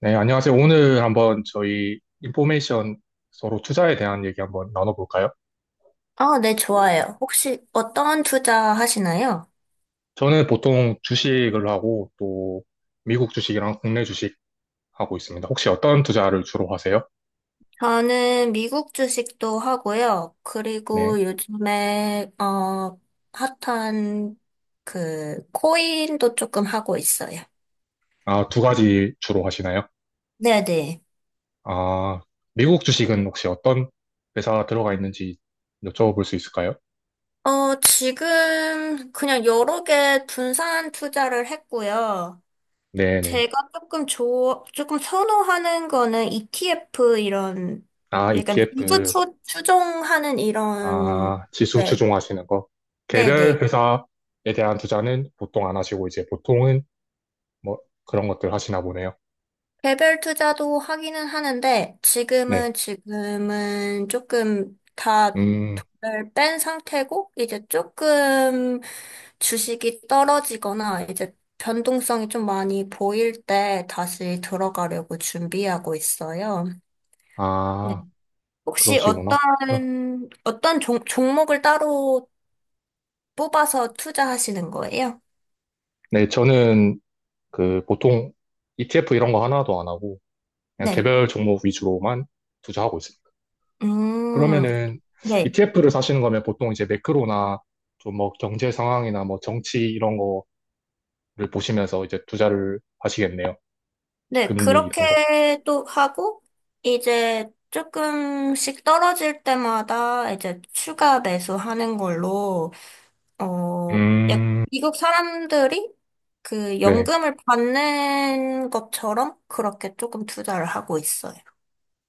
네, 안녕하세요. 오늘 한번 저희 인포메이션 서로 투자에 대한 얘기 한번 나눠볼까요? 아, 네, 좋아요. 혹시 어떤 투자 하시나요? 저는 보통 주식을 하고 또 미국 주식이랑 국내 주식 하고 있습니다. 혹시 어떤 투자를 주로 하세요? 저는 미국 주식도 하고요. 네. 그리고 요즘에, 핫한 그, 코인도 조금 하고 있어요. 아, 두 가지 주로 하시나요? 네네. 아, 미국 주식은 혹시 어떤 회사 들어가 있는지 여쭤볼 수 있을까요? 지금 그냥 여러 개 분산 투자를 했고요. 네네. 제가 조금 선호하는 거는 ETF 이런, 아, 약간 ETF, 추종하는 이런, 아, 지수 네, 추종하시는 거. 개별 네네. 회사에 대한 투자는 보통 안 하시고 이제 보통은 뭐 그런 것들 하시나 보네요. 개별 투자도 하기는 하는데 네. 지금은 조금 다를 음, 뺀 상태고 이제 조금 주식이 떨어지거나 이제 변동성이 좀 많이 보일 때 다시 들어가려고 준비하고 있어요. 네. 아, 혹시 어떤 그러시구나. 그럼, 어떤 종목을 따로 뽑아서 투자하시는 거예요? 네, 저는 그 보통 ETF 이런 거 하나도 안 하고 그냥 네. 개별 종목 위주로만 투자하고 있습니다. 음, 그러면은 네. ETF를 사시는 거면 보통 이제 매크로나 좀 뭐 경제 상황이나 뭐 정치 이런 거를 보시면서 이제 투자를 하시겠네요. 네, 금리 이런 거. 그렇게 또 하고, 이제 조금씩 떨어질 때마다 이제 추가 매수하는 걸로, 어, 약- 음, 미국 사람들이 그 네. 연금을 받는 것처럼 그렇게 조금 투자를 하고 있어요.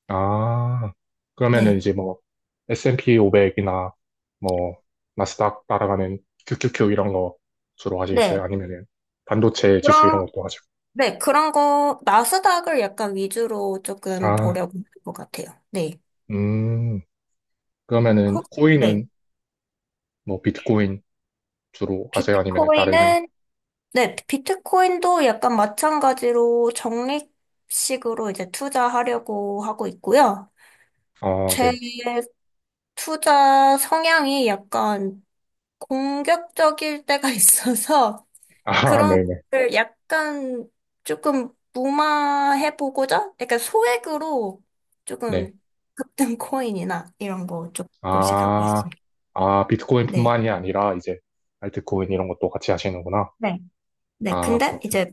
아, 그러면은 네. 이제 뭐, S&P 500이나 뭐, 나스닥 따라가는 QQQ 이런 거 주로 하시겠어요? 네. 아니면은 반도체 지수 이런 그런, 것도 하죠? 네, 그런 거, 나스닥을 약간 위주로 조금 아, 보려고 하는 것 같아요. 네. 음, 그러면은 혹- 네. 코인은 뭐, 비트코인 주로 하세요? 아니면은 다른, 비트코인은 네, 비트코인도 약간 마찬가지로 적립식으로 이제 투자하려고 하고 있고요. 어, 제 네. 투자 성향이 약간 공격적일 때가 있어서 아, 그런 네네. 걸 약간 조금 무마해보고자? 약간 소액으로 조금 네. 급등 코인이나 이런 거 조금씩 하고 아, 있습니다. 아, 네. 비트코인뿐만이 아니라 이제 알트코인 이런 것도 같이 하시는구나. 네. 네, 아, 근데 그렇군. 이제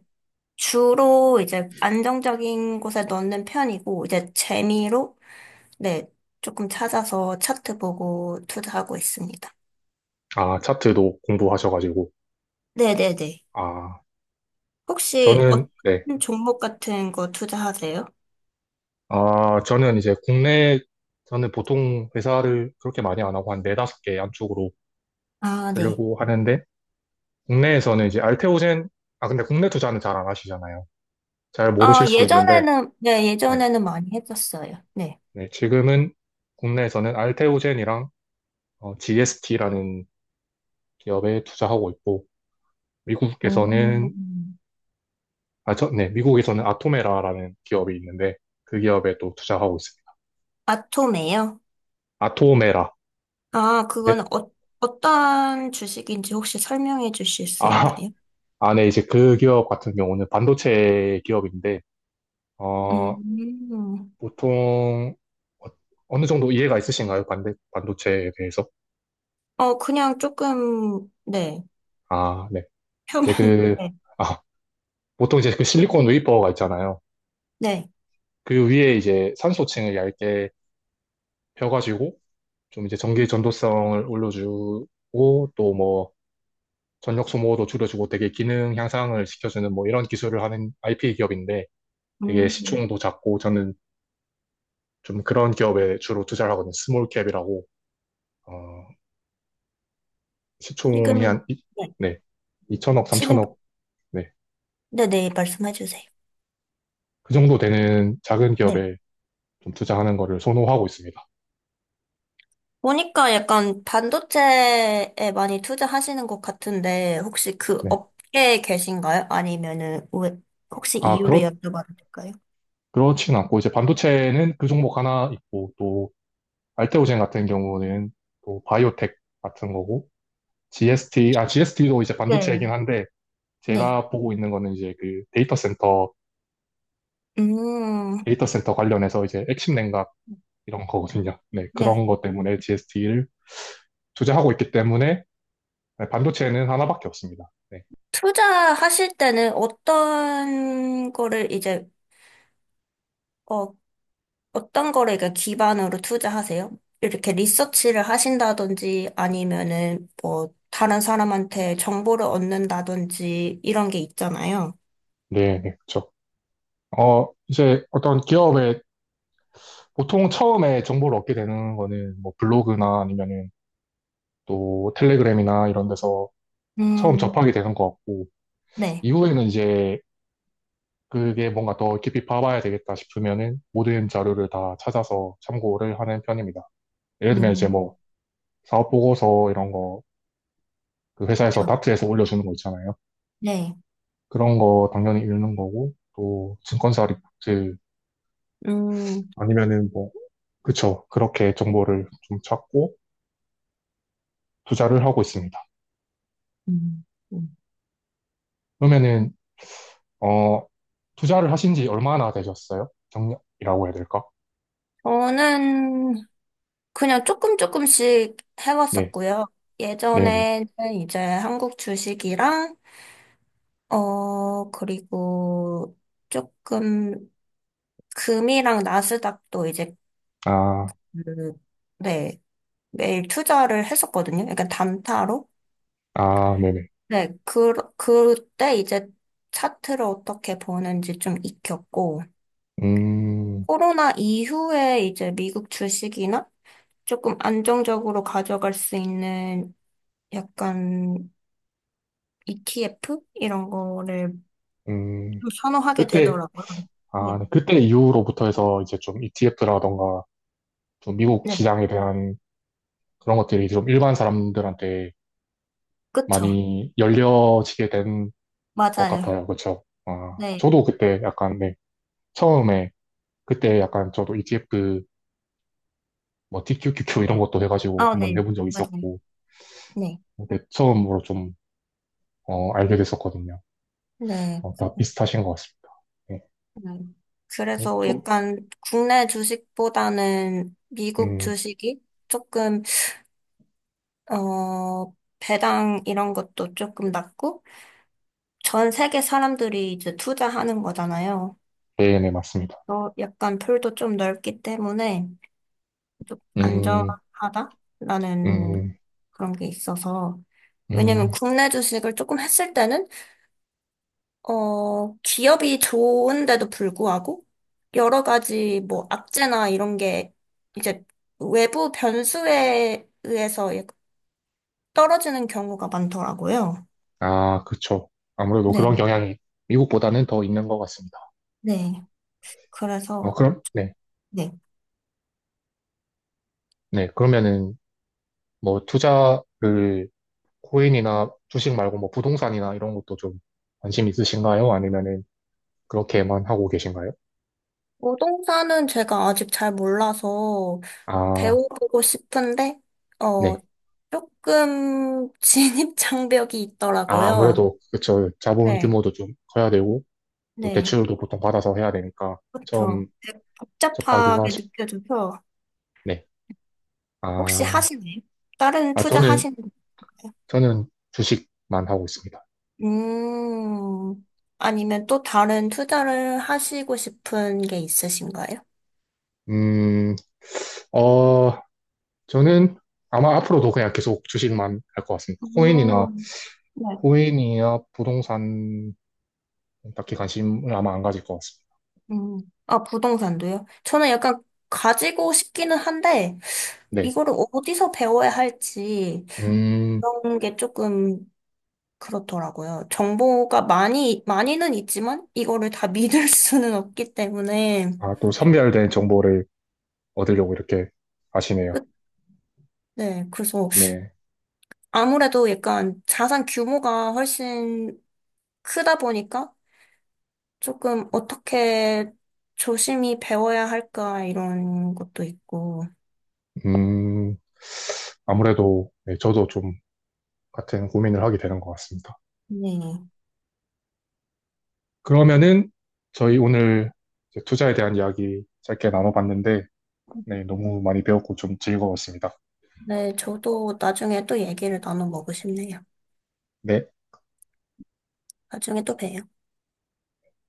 주로 이제 안정적인 곳에 넣는 편이고, 이제 재미로, 네, 조금 찾아서 차트 보고 투자하고 있습니다. 아, 차트도 공부하셔가지고. 네네네. 아, 혹시 저는, 어떤 네. 종목 같은 거 투자하세요? 아, 저는 이제 국내, 저는 보통 회사를 그렇게 많이 안 하고 한 네다섯 개 안쪽으로 아, 네. 하려고 하는데, 국내에서는 이제 알테오젠, 아, 근데 국내 투자는 잘 안 하시잖아요. 잘 모르실 아, 수도 있는데, 예전에는, 네, 네. 예전에는 많이 했었어요. 네. 네, 지금은 국내에서는 알테오젠이랑 GST라는 기업에 투자하고 있고, 미국에서는, 음. 아, 저, 네, 미국에서는 아토메라라는 기업이 있는데, 그 기업에 또 투자하고 있습니다. 아톰이에요? 아토메라. 아, 그건 네. 어떤 주식인지 혹시 설명해 주실 수 아, 있나요? 아, 네, 이제 그 기업 같은 경우는 반도체 기업인데, 어, 음. 보통 어- 어느 정도 이해가 있으신가요? 반도체에 대해서? 그냥 조금, 네. 아, 네. 표면, 네, 그, 네. 아, 보통 이제 그 실리콘 웨이퍼가 있잖아요. 네. 그 위에 이제 산소층을 얇게 펴가지고 좀 이제 전기 전도성을 올려주고 또 뭐 전력 소모도 줄여주고 되게 기능 향상을 시켜주는 뭐 이런 기술을 하는 IP 기업인데 되게 음, 시총도 작고 저는 좀 그런 기업에 주로 투자를 하거든요. 스몰 캡이라고. 어, 시총이 지금, 네. 네. 2천억, 지금, 3천억 네. 네네, 말씀해 주세요. 그 정도 되는 작은 네. 기업에 좀 투자하는 거를 선호하고 있습니다. 보니까 약간 반도체에 많이 투자하시는 것 같은데, 혹시 그 네. 업계에 계신가요? 아니면은, 혹시 아, 이유를 여쭤봐도 될까요? 그렇진 않고, 이제 반도체는 그 종목 하나 있고, 또, 알테오젠 같은 경우는 또 바이오텍 같은 거고, GST, 아, GST도 이제 네. 반도체이긴 한데, 네. 제가 보고 있는 거는 이제 그 데이터 센터, 음, 데이터 센터 관련해서 이제 핵심 냉각 이런 거거든요. 네. 네. 그런 것 때문에 GST를 투자하고 있기 때문에, 네, 반도체는 하나밖에 없습니다. 네. 투자하실 때는 어떤 거를 이제, 어, 어떤 거를 이렇게 기반으로 투자하세요? 이렇게 리서치를 하신다든지 아니면은 뭐 다른 사람한테 정보를 얻는다든지 이런 게 있잖아요. 네, 네, 그렇죠. 어, 이제 어떤 기업의 보통 처음에 정보를 얻게 되는 거는 뭐 블로그나 아니면은 또 텔레그램이나 이런 데서 처음 음, 접하게 되는 것 같고, 네. 이후에는 이제 그게 뭔가 더 깊이 파봐야 되겠다 싶으면은 모든 자료를 다 찾아서 참고를 하는 편입니다. 예를 들면 이제 음, 뭐 사업 보고서 이런 거, 그 회사에서 그렇죠. 다트에서 올려주는 거 있잖아요. 네. 그런 거 당연히 읽는 거고, 또 증권사 리포트 음, 아니면은 뭐, 그쵸. 그렇게 정보를 좀 찾고 투자를 하고 있습니다. 음, 음. 그러면은 어, 투자를 하신 지 얼마나 되셨어요? 경력이라고 해야 될까? 저는 그냥 조금 조금씩 네, 해왔었고요. 네네. 예전에는 이제 한국 주식이랑, 그리고 조금 금이랑 나스닥도 이제 아, 음, 네, 매일 투자를 했었거든요. 약간 단타로. 아, 네네. 네, 그때 이제 차트를 어떻게 보는지 좀 익혔고, 음, 코로나 이후에 이제 미국 주식이나 조금 안정적으로 가져갈 수 있는 약간 ETF? 이런 거를 음, 좀 선호하게 그때, 되더라고요. 아, 네, 네. 그때 이후로부터 해서 이제 좀 ETF라던가 좀 미국 네, 시장에 대한 그런 것들이 좀 일반 사람들한테 그쵸. 많이 열려지게 된 것 맞아요. 같아요. 그렇죠? 아, 저도 네. 그때 약간, 네, 처음에 그때 약간 저도 ETF 뭐 TQQQ 이런 것도 해가지고 아, 한번 네, 내본 적 맞아요. 있었고, 네, 그때 처음으로 좀, 어, 알게 됐었거든요. 네. 어, 다 비슷하신 것 같습니다. 네, 음. 네, 그래서 좀, 약간 국내 주식보다는 미국 음, 주식이 조금, 어, 배당 이런 것도 조금 낮고, 전 세계 사람들이 이제 투자하는 거잖아요. 네, 네, 맞습니다. 약간 풀도 좀 넓기 때문에 좀 음, 안전하다라는 음, 그런 게 있어서, 왜냐면 음, 국내 주식을 조금 했을 때는 기업이 좋은데도 불구하고 여러 가지 뭐 악재나 이런 게 이제 외부 변수에 의해서 떨어지는 경우가 많더라고요. 아, 그쵸. 아무래도 그런 네, 경향이 미국보다는 더 있는 것 같습니다. 네. 어, 그래서 그럼, 네, 네. 네, 그러면은, 뭐, 투자를, 코인이나 주식 말고 뭐, 부동산이나 이런 것도 좀 관심 있으신가요? 아니면은, 그렇게만 하고 계신가요? 부동산은 제가 아직 잘 몰라서 아, 배워보고 싶은데 어, 네. 조금 진입 장벽이 아, 있더라고요. 아무래도, 그쵸. 자본 네, 규모도 좀 커야 되고, 또 네. 대출도 보통 받아서 해야 되니까, 그렇죠. 처음 되게 접하기가 복잡하게 쉽, 느껴져서 네. 혹시 아, 하시나요? 다른 아, 투자 저는, 하시는 건가요? 저는 주식만 하고 있습니다. 음, 아니면 또 다른 투자를 하시고 싶은 게 있으신가요? 음, 어, 저는 아마 앞으로도 그냥 계속 주식만 할 것 같습니다. 코인이나, 음, 네. 코인이나 부동산 딱히 관심을 아마 안 가질 것 같습니다. 음, 아, 부동산도요? 저는 약간 가지고 싶기는 한데, 네. 이거를 어디서 배워야 할지, 음, 그런 게 조금 그렇더라고요. 정보가 많이, 많이는 있지만, 이거를 다 믿을 수는 없기 때문에, 아, 또 선별된 정보를 얻으려고 이렇게 하시네요. 끝- 네, 그래서 네. 아무래도 약간 자산 규모가 훨씬 크다 보니까 조금 어떻게 조심히 배워야 할까 이런 것도 있고. 음, 아무래도, 네, 저도 좀 같은 고민을 하게 되는 것 같습니다. 네. 그러면은 저희 오늘 이제 투자에 대한 이야기 짧게 나눠봤는데, 네, 너무 많이 배웠고 좀 즐거웠습니다. 네, 저도 나중에 또 얘기를 나눠 먹고 싶네요. 네. 나중에 또 봬요.